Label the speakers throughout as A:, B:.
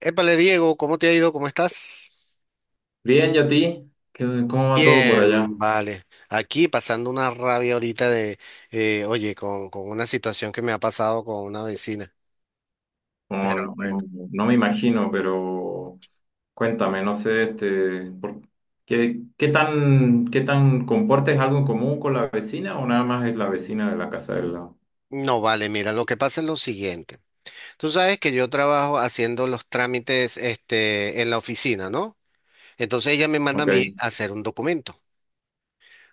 A: Épale, Diego, ¿cómo te ha ido? ¿Cómo estás?
B: Bien, ¿y a ti? ¿Cómo va todo por allá?
A: Bien, vale. Aquí pasando una rabia ahorita de, oye, con una situación que me ha pasado con una vecina.
B: No,
A: Pero
B: no,
A: bueno,
B: no me imagino, pero cuéntame, no sé, este, ¿qué tan compartes algo en común con la vecina o nada más es la vecina de la casa del lado?
A: no vale, mira, lo que pasa es lo siguiente. Tú sabes que yo trabajo haciendo los trámites, este, en la oficina, ¿no? Entonces ella me manda a
B: Ok.
A: mí a hacer un documento.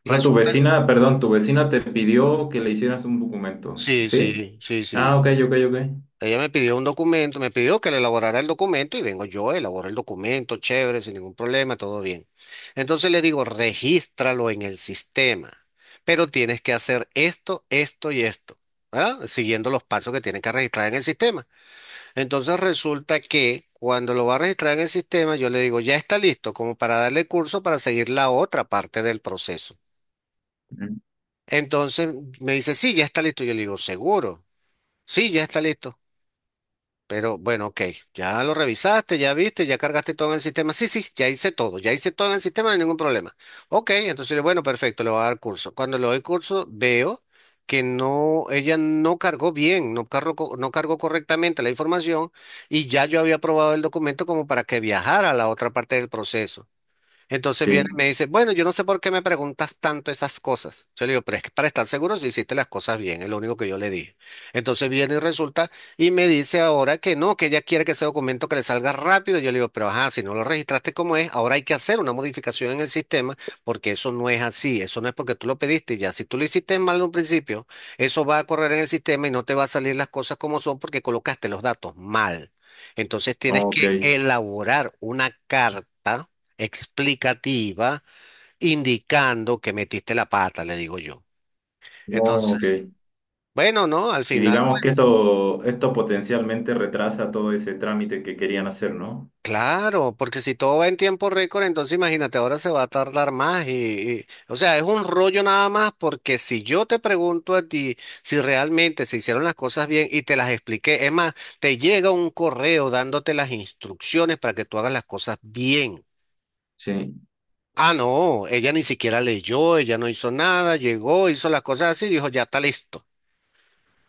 B: O sea, tu
A: Resulta,
B: vecina, perdón, tu vecina te pidió que le hicieras un documento,
A: sí,
B: ¿sí?
A: sí, sí, sí.
B: Ah, ok, ok, ok.
A: Ella me pidió un documento, me pidió que le elaborara el documento y vengo yo, elaboro el documento, chévere, sin ningún problema, todo bien. Entonces le digo, regístralo en el sistema, pero tienes que hacer esto, esto y esto, ¿verdad? Siguiendo los pasos que tienen que registrar en el sistema. Entonces resulta que cuando lo va a registrar en el sistema, yo le digo, ya está listo, como para darle curso para seguir la otra parte del proceso.
B: Ujú.
A: Entonces me dice, sí, ya está listo. Yo le digo, seguro, sí, ya está listo. Pero bueno, ok, ya lo revisaste, ya viste, ya cargaste todo en el sistema. Sí, sí, ya hice todo en el sistema, no hay ningún problema. Ok, entonces, bueno, perfecto, le voy a dar curso. Cuando le doy curso, veo que no, ella no cargó bien, no cargó, no cargó correctamente la información y ya yo había aprobado el documento como para que viajara a la otra parte del proceso. Entonces viene y me
B: Sí,
A: dice, bueno, yo no sé por qué me preguntas tanto esas cosas. Yo le digo, pero es que para estar seguro si hiciste las cosas bien, es lo único que yo le dije. Entonces viene y resulta y me dice ahora que no, que ella quiere que ese documento que le salga rápido. Yo le digo, pero ajá, si no lo registraste como es, ahora hay que hacer una modificación en el sistema porque eso no es así, eso no es porque tú lo pediste y ya. Si tú lo hiciste mal en un principio, eso va a correr en el sistema y no te va a salir las cosas como son porque colocaste los datos mal. Entonces tienes que
B: ok.
A: elaborar una carta explicativa indicando que metiste la pata, le digo yo.
B: Oh,
A: Entonces,
B: ok.
A: bueno, no, al
B: Y
A: final,
B: digamos que
A: pues
B: esto, potencialmente retrasa todo ese trámite que querían hacer, ¿no?
A: claro, porque si todo va en tiempo récord, entonces imagínate, ahora se va a tardar más o sea, es un rollo nada más porque si yo te pregunto a ti si realmente se hicieron las cosas bien y te las expliqué, es más, te llega un correo dándote las instrucciones para que tú hagas las cosas bien.
B: Sí.
A: Ah, no, ella ni siquiera leyó, ella no hizo nada, llegó, hizo las cosas así, dijo, ya está listo.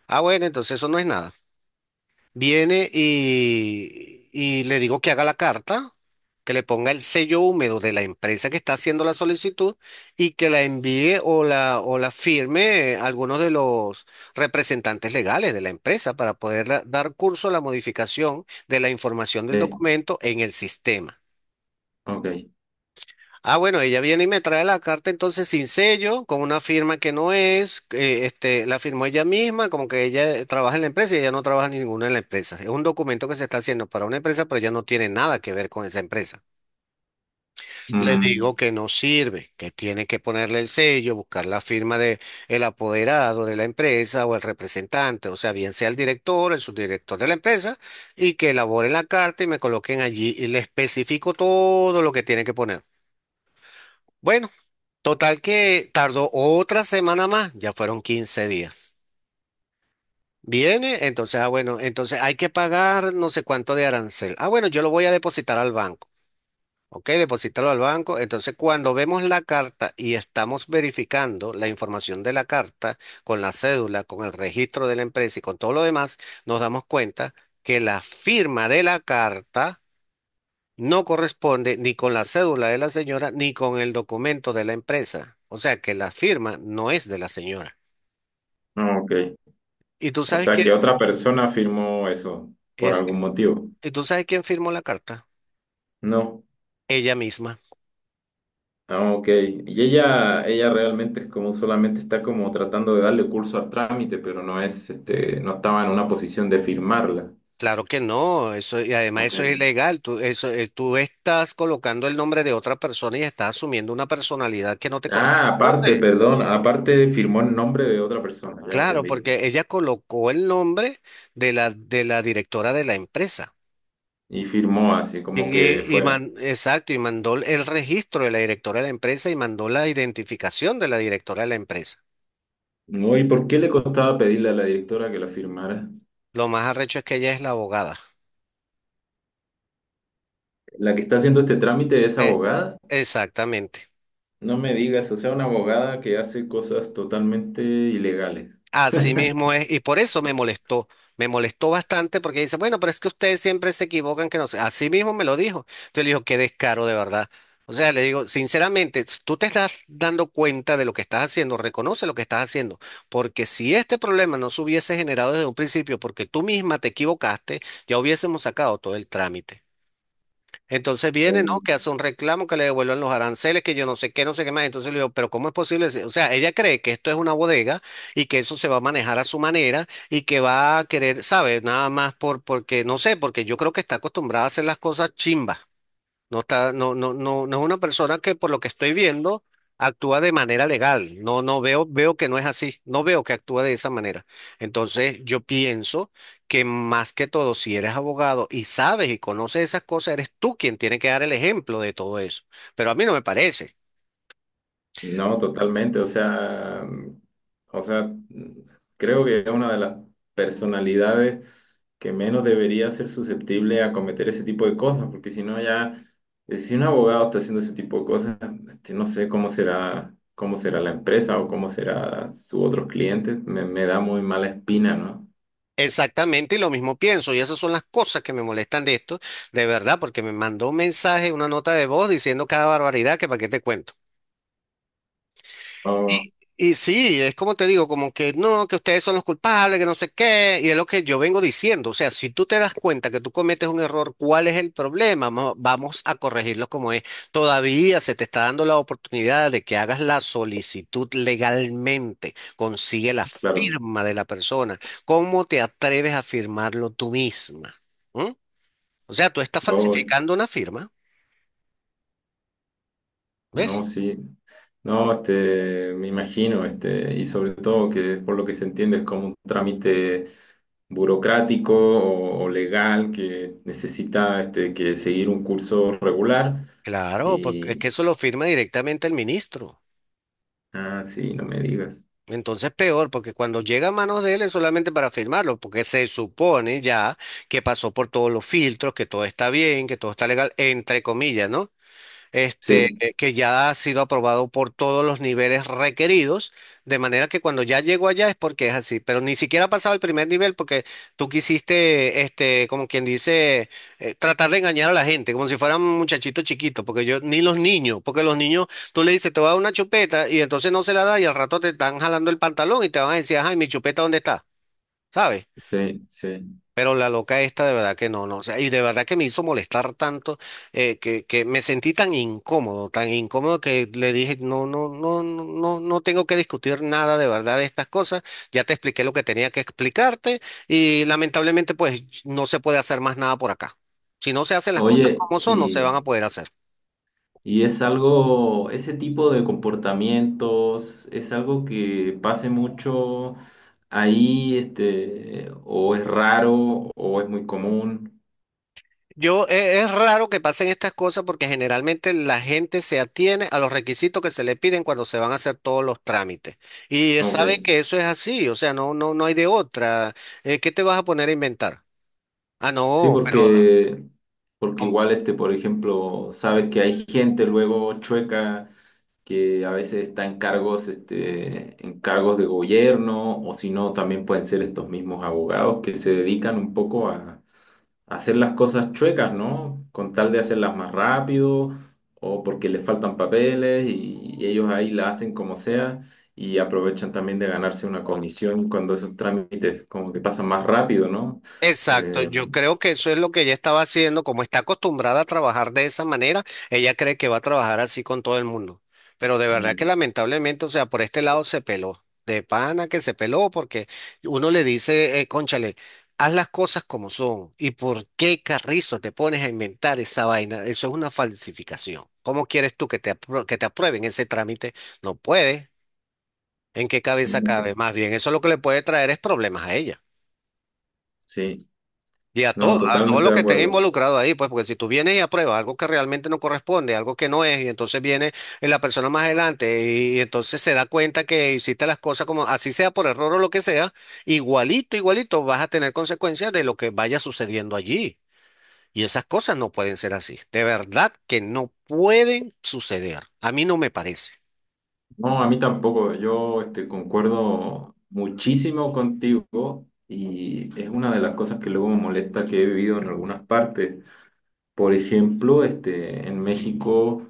A: Ah, bueno, entonces eso no es nada. Viene y le digo que haga la carta, que le ponga el sello húmedo de la empresa que está haciendo la solicitud y que la envíe o o la firme algunos de los representantes legales de la empresa para poder dar curso a la modificación de la información del
B: Sí,
A: documento en el sistema.
B: ok.
A: Ah, bueno, ella viene y me trae la carta entonces sin sello, con una firma que no es, este, la firmó ella misma, como que ella trabaja en la empresa y ella no trabaja ninguna en la empresa. Es un documento que se está haciendo para una empresa, pero ella no tiene nada que ver con esa empresa. Le
B: Mm,
A: digo que no sirve, que tiene que ponerle el sello, buscar la firma de el apoderado de la empresa o el representante, o sea, bien sea el director, el subdirector de la empresa, y que elabore la carta y me coloquen allí y le especifico todo lo que tiene que poner. Bueno. Total que tardó otra semana más, ya fueron 15 días. Viene, entonces, ah, bueno, entonces hay que pagar no sé cuánto de arancel. Ah, bueno, yo lo voy a depositar al banco. Ok, depositarlo al banco. Entonces, cuando vemos la carta y estamos verificando la información de la carta con la cédula, con el registro de la empresa y con todo lo demás, nos damos cuenta que la firma de la carta no corresponde ni con la cédula de la señora ni con el documento de la empresa. O sea que la firma no es de la señora.
B: no, ok.
A: ¿Y tú
B: O
A: sabes
B: sea
A: quién
B: que otra persona firmó eso por
A: es?
B: algún motivo.
A: ¿Y tú sabes quién firmó la carta?
B: No.
A: Ella misma.
B: Ah, ok. Y ella realmente es como solamente está como tratando de darle curso al trámite, pero no es, este, no estaba en una posición de firmarla.
A: Claro que no, eso, y además
B: Ok.
A: eso es ilegal. Tú, eso, tú estás colocando el nombre de otra persona y estás asumiendo una personalidad que no te
B: Ah, aparte,
A: corresponde.
B: perdón, aparte firmó en nombre de otra persona, ya
A: Claro,
B: entendí.
A: porque ella colocó el nombre de la directora de la empresa.
B: Y firmó así, como que fuera.
A: Exacto, y mandó el registro de la directora de la empresa y mandó la identificación de la directora de la empresa.
B: No, ¿y por qué le costaba pedirle a la directora que la firmara?
A: Lo más arrecho es que ella es la abogada.
B: ¿La que está haciendo este trámite es
A: Eh,
B: abogada?
A: exactamente.
B: No me digas, o sea, una abogada que hace cosas totalmente ilegales.
A: Así mismo es, y por eso me molestó bastante porque dice, bueno, pero es que ustedes siempre se equivocan, que no sé, así mismo me lo dijo. Entonces le digo, qué descaro de verdad. O sea, le digo, sinceramente, tú te estás dando cuenta de lo que estás haciendo, reconoce lo que estás haciendo, porque si este problema no se hubiese generado desde un principio, porque tú misma te equivocaste, ya hubiésemos sacado todo el trámite. Entonces viene, ¿no?
B: Mm.
A: Que hace un reclamo que le devuelvan los aranceles, que yo no sé qué, no sé qué más. Entonces le digo, pero ¿cómo es posible? O sea, ella cree que esto es una bodega y que eso se va a manejar a su manera y que va a querer, ¿sabes? Nada más porque, no sé, porque yo creo que está acostumbrada a hacer las cosas chimbas. No está, no, no, no, no es una persona que por lo que estoy viendo actúa de manera legal. No, no veo, veo que no es así. No veo que actúa de esa manera. Entonces, yo pienso que más que todo, si eres abogado y sabes y conoces esas cosas, eres tú quien tiene que dar el ejemplo de todo eso. Pero a mí no me parece.
B: No, totalmente, o sea, o sea, creo que es una de las personalidades que menos debería ser susceptible a cometer ese tipo de cosas, porque si no ya, si un abogado está haciendo ese tipo de cosas, este, no sé cómo será, la empresa o cómo será sus otros clientes, me da muy mala espina, ¿no?
A: Exactamente, y lo mismo pienso, y esas son las cosas que me molestan de esto, de verdad, porque me mandó un mensaje, una nota de voz diciendo cada barbaridad que para qué te cuento.
B: Oh,
A: Y, y sí, es como te digo, como que no, que ustedes son los culpables, que no sé qué, y es lo que yo vengo diciendo. O sea, si tú te das cuenta que tú cometes un error, ¿cuál es el problema? Vamos a corregirlo como es. Todavía se te está dando la oportunidad de que hagas la solicitud legalmente, consigue la
B: claro.
A: firma de la persona. ¿Cómo te atreves a firmarlo tú misma? ¿Mm? O sea, tú estás
B: Oh.
A: falsificando una firma,
B: No,
A: ¿ves?
B: sí. No, este, me imagino, este, y sobre todo que por lo que se entiende es como un trámite burocrático o legal que necesita este, que seguir un curso regular.
A: Claro, porque es que
B: Y,
A: eso lo firma directamente el ministro.
B: ah, sí, no me digas.
A: Entonces peor, porque cuando llega a manos de él es solamente para firmarlo, porque se supone ya que pasó por todos los filtros, que todo está bien, que todo está legal, entre comillas, ¿no? Este,
B: Sí,
A: que ya ha sido aprobado por todos los niveles requeridos, de manera que cuando ya llego allá es porque es así, pero ni siquiera ha pasado el primer nivel porque tú quisiste, este, como quien dice, tratar de engañar a la gente, como si fueran muchachitos chiquitos, porque yo, ni los niños, porque los niños, tú le dices, te voy a dar una chupeta y entonces no se la da y al rato te están jalando el pantalón y te van a decir, ay, mi chupeta, ¿dónde está? ¿Sabes?
B: sí, sí.
A: Pero la loca esta de verdad que no, no, o sea, y de verdad que me hizo molestar tanto que me sentí tan incómodo que le dije, no, no, no, no, no no tengo que discutir nada de verdad de estas cosas, ya te expliqué lo que tenía que explicarte y lamentablemente pues no se puede hacer más nada por acá. Si no se hacen las cosas
B: Oye,
A: como son, no se van
B: y
A: a poder hacer.
B: Es algo, ese tipo de comportamientos, es algo que pase mucho ahí, este, o es raro, o es muy común.
A: Yo, es raro que pasen estas cosas porque generalmente la gente se atiene a los requisitos que se le piden cuando se van a hacer todos los trámites. Y sabe
B: Ok.
A: que eso es así, o sea, no, no, no hay de otra. ¿Qué te vas a poner a inventar? Ah,
B: Sí,
A: no, pero
B: porque igual, este, por ejemplo, sabes que hay gente luego chueca que a veces está en cargos, este, en cargos de gobierno, o si no, también pueden ser estos mismos abogados que se dedican un poco a hacer las cosas chuecas, ¿no? Con tal de hacerlas más rápido o porque les faltan papeles y ellos ahí la hacen como sea y aprovechan también de ganarse una comisión cuando esos trámites como que pasan más rápido, ¿no?
A: exacto,
B: Eh,
A: yo creo que eso es lo que ella estaba haciendo, como está acostumbrada a trabajar de esa manera, ella cree que va a trabajar así con todo el mundo. Pero de verdad que lamentablemente, o sea, por este lado se peló, de pana que se peló, porque uno le dice, cónchale, haz las cosas como son, ¿y por qué carrizo te pones a inventar esa vaina? Eso es una falsificación. ¿Cómo quieres tú que te, que te aprueben ese trámite? No puede. ¿En qué cabeza
B: no sé.
A: cabe? Más bien, eso lo que le puede traer es problemas a ella.
B: Sí,
A: Y
B: no,
A: a todo
B: totalmente
A: lo
B: de
A: que estén
B: acuerdo.
A: involucrado ahí, pues, porque si tú vienes y apruebas algo que realmente no corresponde, algo que no es, y entonces viene la persona más adelante y entonces se da cuenta que hiciste las cosas como así sea por error o lo que sea, igualito, igualito vas a tener consecuencias de lo que vaya sucediendo allí. Y esas cosas no pueden ser así. De verdad que no pueden suceder. A mí no me parece.
B: No, a mí tampoco, yo este, concuerdo muchísimo contigo y es una de las cosas que luego me molesta que he vivido en algunas partes. Por ejemplo, este, en México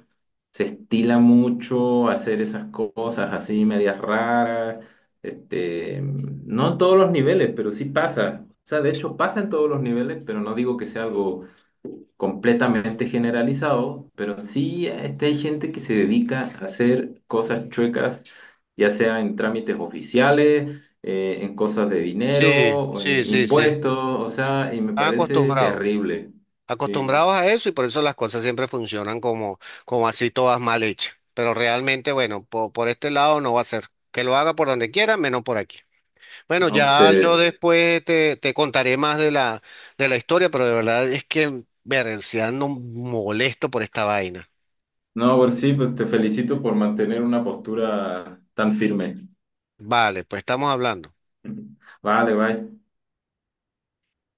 B: se estila mucho hacer esas cosas así, medias raras, este, no en todos los niveles, pero sí pasa. O sea, de hecho pasa en todos los niveles, pero no digo que sea algo completamente generalizado, pero sí este, hay gente que se dedica a hacer cosas chuecas, ya sea en trámites oficiales, en cosas de dinero,
A: Sí,
B: o
A: sí,
B: en
A: sí, sí. Están
B: impuestos, o sea, y me parece
A: acostumbrados.
B: terrible. Sí.
A: Acostumbrados a eso y por eso las cosas siempre funcionan como, como así todas mal hechas. Pero realmente, bueno, por este lado no va a ser. Que lo haga por donde quiera, menos por aquí. Bueno,
B: No, pues
A: ya yo
B: te,
A: después te contaré más de la historia, pero de verdad es que, ver, si ando molesto por esta vaina.
B: no, pues sí, pues te felicito por mantener una postura tan firme.
A: Vale, pues estamos hablando.
B: Vale, bye.